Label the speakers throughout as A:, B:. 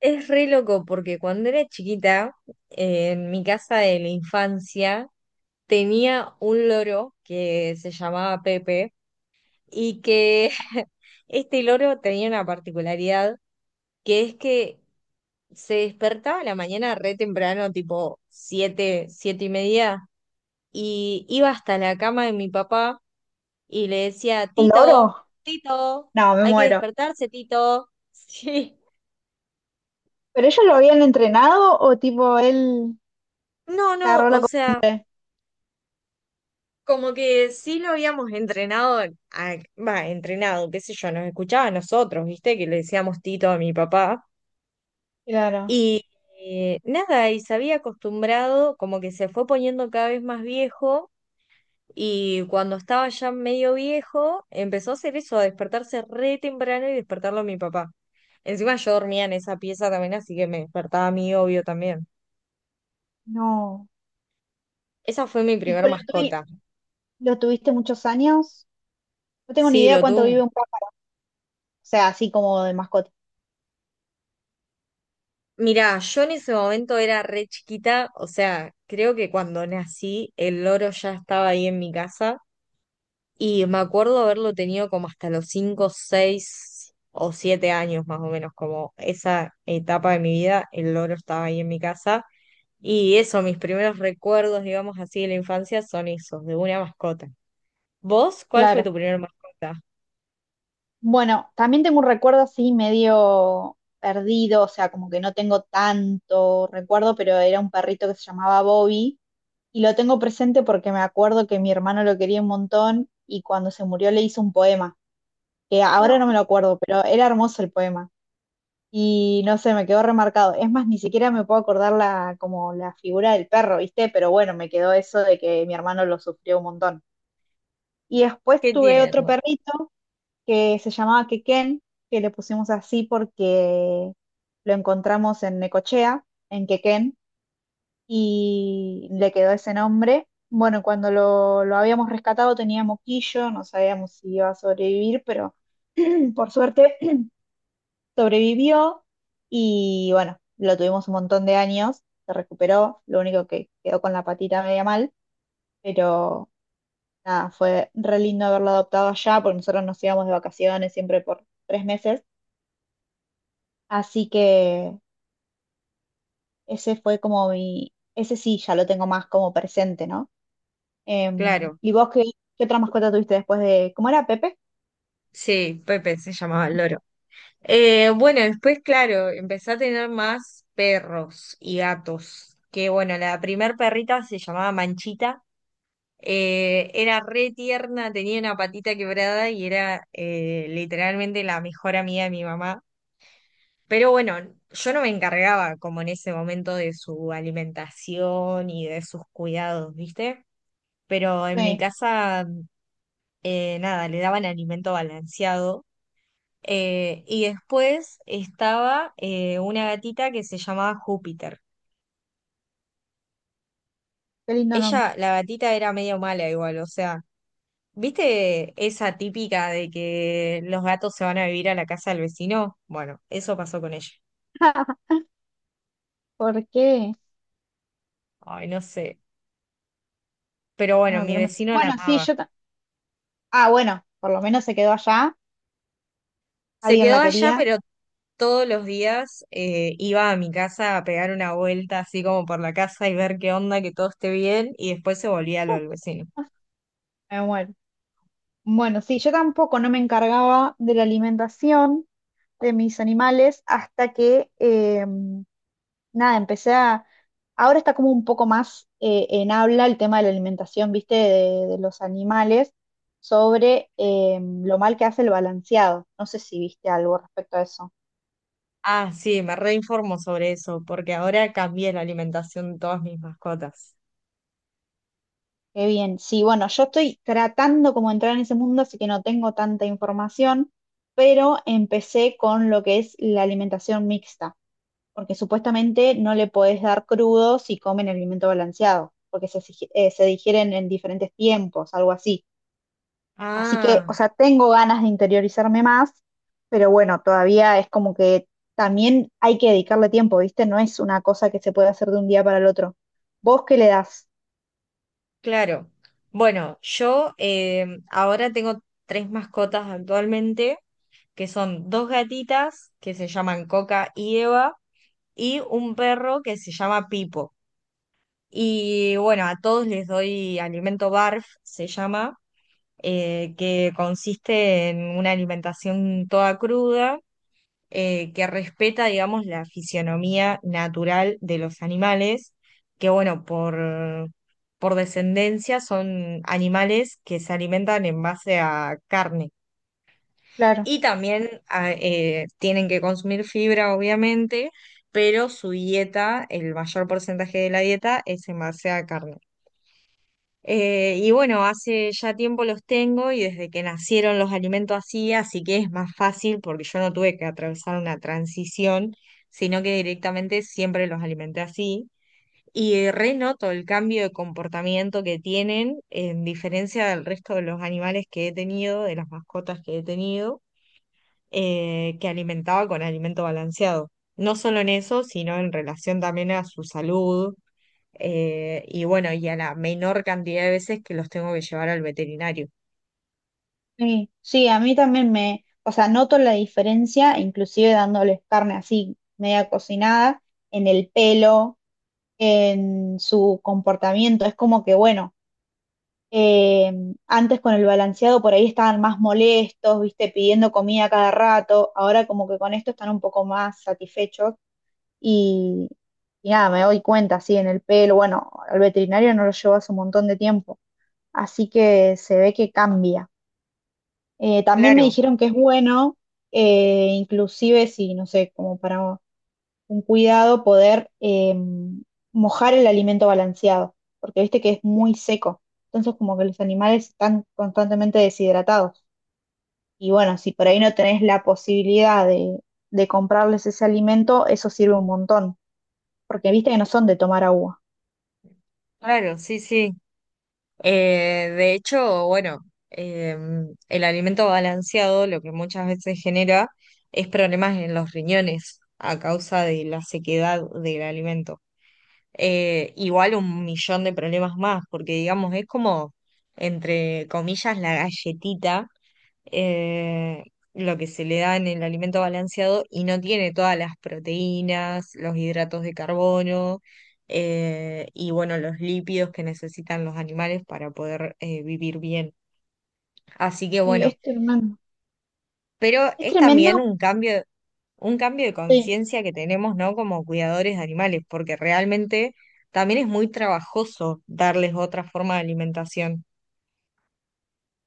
A: Es re loco porque cuando era chiquita, en mi casa de la infancia, tenía un loro que se llamaba Pepe y que este loro tenía una particularidad que es que se despertaba a la mañana re temprano, tipo siete, siete y media, y iba hasta la cama de mi papá y le decía,
B: ¿El
A: Tito,
B: oro?
A: Tito,
B: No, me
A: hay que
B: muero.
A: despertarse, Tito. Sí.
B: ¿Pero ellos lo habían entrenado o tipo él
A: No,
B: se
A: no,
B: agarró la
A: o sea...
B: costumbre?
A: Como que sí lo habíamos entrenado, entrenado, qué sé yo, nos escuchaba a nosotros, ¿viste? Que le decíamos Tito a mi papá.
B: Claro,
A: Y nada, y se había acostumbrado, como que se fue poniendo cada vez más viejo. Y cuando estaba ya medio viejo, empezó a hacer eso, a despertarse re temprano y despertarlo a mi papá. Encima yo dormía en esa pieza también, así que me despertaba a mí, obvio, también.
B: no.
A: Esa fue mi
B: ¿Y
A: primer
B: con
A: mascota.
B: lo tuviste muchos años? No tengo ni
A: Sí,
B: idea
A: lo
B: cuánto vive
A: tuve.
B: un pájaro, o sea, así como de mascota.
A: Mirá, yo en ese momento era re chiquita, o sea, creo que cuando nací el loro ya estaba ahí en mi casa y me acuerdo haberlo tenido como hasta los 5, 6 o 7 años más o menos, como esa etapa de mi vida, el loro estaba ahí en mi casa y eso, mis primeros recuerdos, digamos así, de la infancia son esos, de una mascota. ¿Vos cuál fue
B: Claro.
A: tu primera mascota?
B: Bueno, también tengo un recuerdo así medio perdido, o sea, como que no tengo tanto recuerdo, pero era un perrito que se llamaba Bobby y lo tengo presente porque me acuerdo que mi hermano lo quería un montón y cuando se murió le hizo un poema, que ahora
A: No,
B: no me lo acuerdo, pero era hermoso el poema. Y no sé, me quedó remarcado. Es más, ni siquiera me puedo acordar la, como la figura del perro, ¿viste? Pero bueno, me quedó eso de que mi hermano lo sufrió un montón. Y después
A: qué
B: tuve otro
A: tierno.
B: perrito que se llamaba Quequén, que le pusimos así porque lo encontramos en Necochea, en Quequén, y le quedó ese nombre. Bueno, cuando lo habíamos rescatado tenía moquillo, no sabíamos si iba a sobrevivir, pero por suerte sobrevivió y bueno, lo tuvimos un montón de años, se recuperó, lo único que quedó con la patita media mal, pero nada, fue re lindo haberlo adoptado allá, porque nosotros nos íbamos de vacaciones siempre por 3 meses, así que ese fue como mi, ese sí, ya lo tengo más como presente, ¿no?
A: Claro,
B: ¿Y vos qué, qué otra mascota tuviste después de, ¿cómo era Pepe?
A: sí, Pepe se llamaba el loro. Bueno, después, claro, empecé a tener más perros y gatos. Que bueno, la primer perrita se llamaba Manchita. Era re tierna, tenía una patita quebrada y era literalmente la mejor amiga de mi mamá. Pero bueno, yo no me encargaba como en ese momento de su alimentación y de sus cuidados, ¿viste? Pero en mi
B: Sí,
A: casa, nada, le daban alimento balanceado. Y después estaba una gatita que se llamaba Júpiter.
B: qué lindo nombre.
A: Ella, la gatita era medio mala igual, o sea, ¿viste esa típica de que los gatos se van a vivir a la casa del vecino? Bueno, eso pasó con ella.
B: ¿Por qué?
A: Ay, no sé. Pero bueno,
B: No,
A: mi
B: tremendo.
A: vecino la
B: Bueno, sí,
A: amaba.
B: yo... ta- Ah, bueno, por lo menos se quedó allá,
A: Se
B: alguien
A: quedó
B: la
A: allá,
B: quería.
A: pero todos los días iba a mi casa a pegar una vuelta así como por la casa y ver qué onda, que todo esté bien, y después se volvía a lo del vecino.
B: Me muero. Bueno, sí, yo tampoco no me encargaba de la alimentación de mis animales hasta que, nada, empecé a... Ahora está como un poco más en habla el tema de la alimentación, viste, de los animales, sobre lo mal que hace el balanceado. No sé si viste algo respecto a eso.
A: Ah, sí, me reinformo sobre eso, porque ahora cambié la alimentación de todas mis mascotas.
B: Qué bien. Sí, bueno, yo estoy tratando como de entrar en ese mundo, así que no tengo tanta información, pero empecé con lo que es la alimentación mixta, porque supuestamente no le podés dar crudo si comen el alimento balanceado, porque se digieren en diferentes tiempos, algo así. Así que, o
A: Ah,
B: sea, tengo ganas de interiorizarme más, pero bueno, todavía es como que también hay que dedicarle tiempo, ¿viste? No es una cosa que se puede hacer de un día para el otro. ¿Vos qué le das?
A: claro. Bueno, yo ahora tengo tres mascotas actualmente, que son dos gatitas, que se llaman Coca y Eva, y un perro que se llama Pipo. Y bueno, a todos les doy alimento BARF, se llama, que consiste en una alimentación toda cruda, que respeta, digamos, la fisionomía natural de los animales, que bueno, por descendencia son animales que se alimentan en base a carne.
B: Claro.
A: Y también tienen que consumir fibra, obviamente, pero su dieta, el mayor porcentaje de la dieta es en base a carne. Y bueno, hace ya tiempo los tengo y desde que nacieron los alimento así, así que es más fácil porque yo no tuve que atravesar una transición, sino que directamente siempre los alimenté así. Y renoto el cambio de comportamiento que tienen en diferencia del resto de los animales que he tenido, de las mascotas que he tenido, que alimentaba con alimento balanceado. No solo en eso, sino en relación también a su salud y bueno, y a la menor cantidad de veces que los tengo que llevar al veterinario.
B: Sí, sí, a mí también me, o sea, noto la diferencia, inclusive dándoles carne así, media cocinada, en el pelo, en su comportamiento. Es como que, bueno, eh, antes con el balanceado por ahí estaban más molestos, viste, pidiendo comida cada rato, ahora como que con esto están un poco más satisfechos y, y nada, me doy cuenta, así en el pelo, bueno, al veterinario no lo llevo hace un montón de tiempo, así que se ve que cambia. También me
A: Claro,
B: dijeron que es bueno, inclusive si, no sé, como para un cuidado poder mojar el alimento balanceado, porque viste que es muy seco. Entonces, como que los animales están constantemente deshidratados. Y bueno, si por ahí no tenés la posibilidad de comprarles ese alimento, eso sirve un montón, porque viste que no son de tomar agua.
A: claro, sí, sí. De hecho, bueno, eh, el alimento balanceado lo que muchas veces genera es problemas en los riñones a causa de la sequedad del alimento. Igual un millón de problemas más, porque digamos, es como, entre comillas, la galletita eh, lo que se le da en el alimento balanceado y no tiene todas las proteínas, los hidratos de carbono y bueno, los lípidos que necesitan los animales para poder vivir bien. Así que
B: Sí,
A: bueno,
B: es tremendo.
A: pero
B: Es
A: es también
B: tremendo.
A: un cambio de
B: Sí,
A: conciencia que tenemos, ¿no? Como cuidadores de animales, porque realmente también es muy trabajoso darles otra forma de alimentación.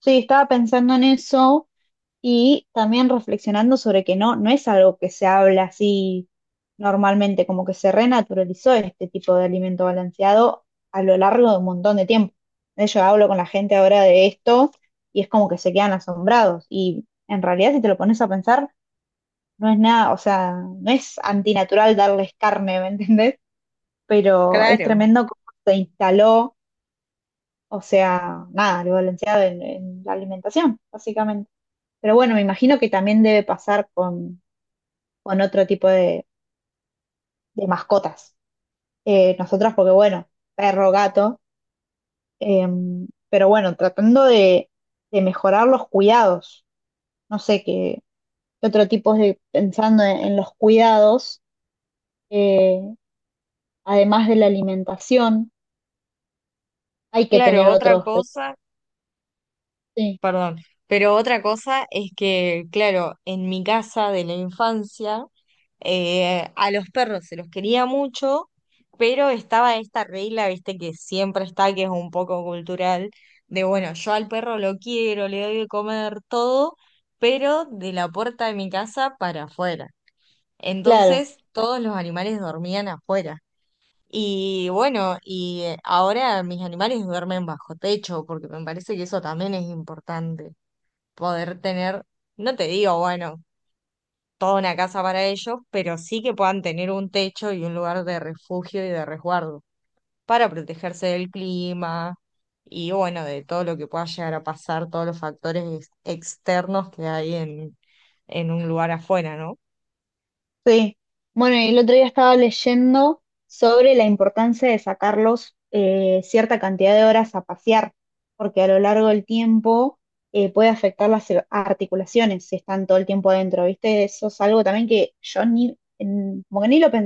B: sí, estaba pensando en eso. Y también reflexionando sobre que no, no es algo que se habla así normalmente, como que se renaturalizó este tipo de alimento balanceado a lo largo de un montón de tiempo. Yo hablo con la gente ahora de esto y es como que se quedan asombrados. Y en realidad, si te lo pones a pensar, no es nada, o sea, no es antinatural darles carne, ¿me entendés? Pero es
A: Claro.
B: tremendo cómo se instaló, o sea, nada, el balanceado en la alimentación, básicamente. Pero bueno, me imagino que también debe pasar con otro tipo de mascotas. Nosotras, porque bueno, perro, gato, eh, pero bueno, tratando de mejorar los cuidados. No sé qué, qué otro tipo de, pensando en los cuidados, eh, además de la alimentación, hay que
A: Claro,
B: tener
A: otra
B: otros.
A: cosa,
B: Sí,
A: perdón. Pero otra cosa es que, claro, en mi casa de la infancia, a los perros se los quería mucho, pero estaba esta regla, viste, que siempre está, que es un poco cultural, de bueno, yo al perro lo quiero, le doy de comer todo, pero de la puerta de mi casa para afuera.
B: claro.
A: Entonces, todos los animales dormían afuera. Y bueno, y ahora mis animales duermen bajo techo, porque me parece que eso también es importante poder tener, no te digo, bueno, toda una casa para ellos, pero sí que puedan tener un techo y un lugar de refugio y de resguardo para protegerse del clima y bueno, de todo lo que pueda llegar a pasar, todos los factores externos que hay en un lugar afuera, ¿no?
B: Sí, bueno, y el otro día estaba leyendo sobre la importancia de sacarlos cierta cantidad de horas a pasear, porque a lo largo del tiempo puede afectar las ar- articulaciones si están todo el tiempo adentro, ¿viste? Eso es algo también que yo ni, en- como que ni lo pensé.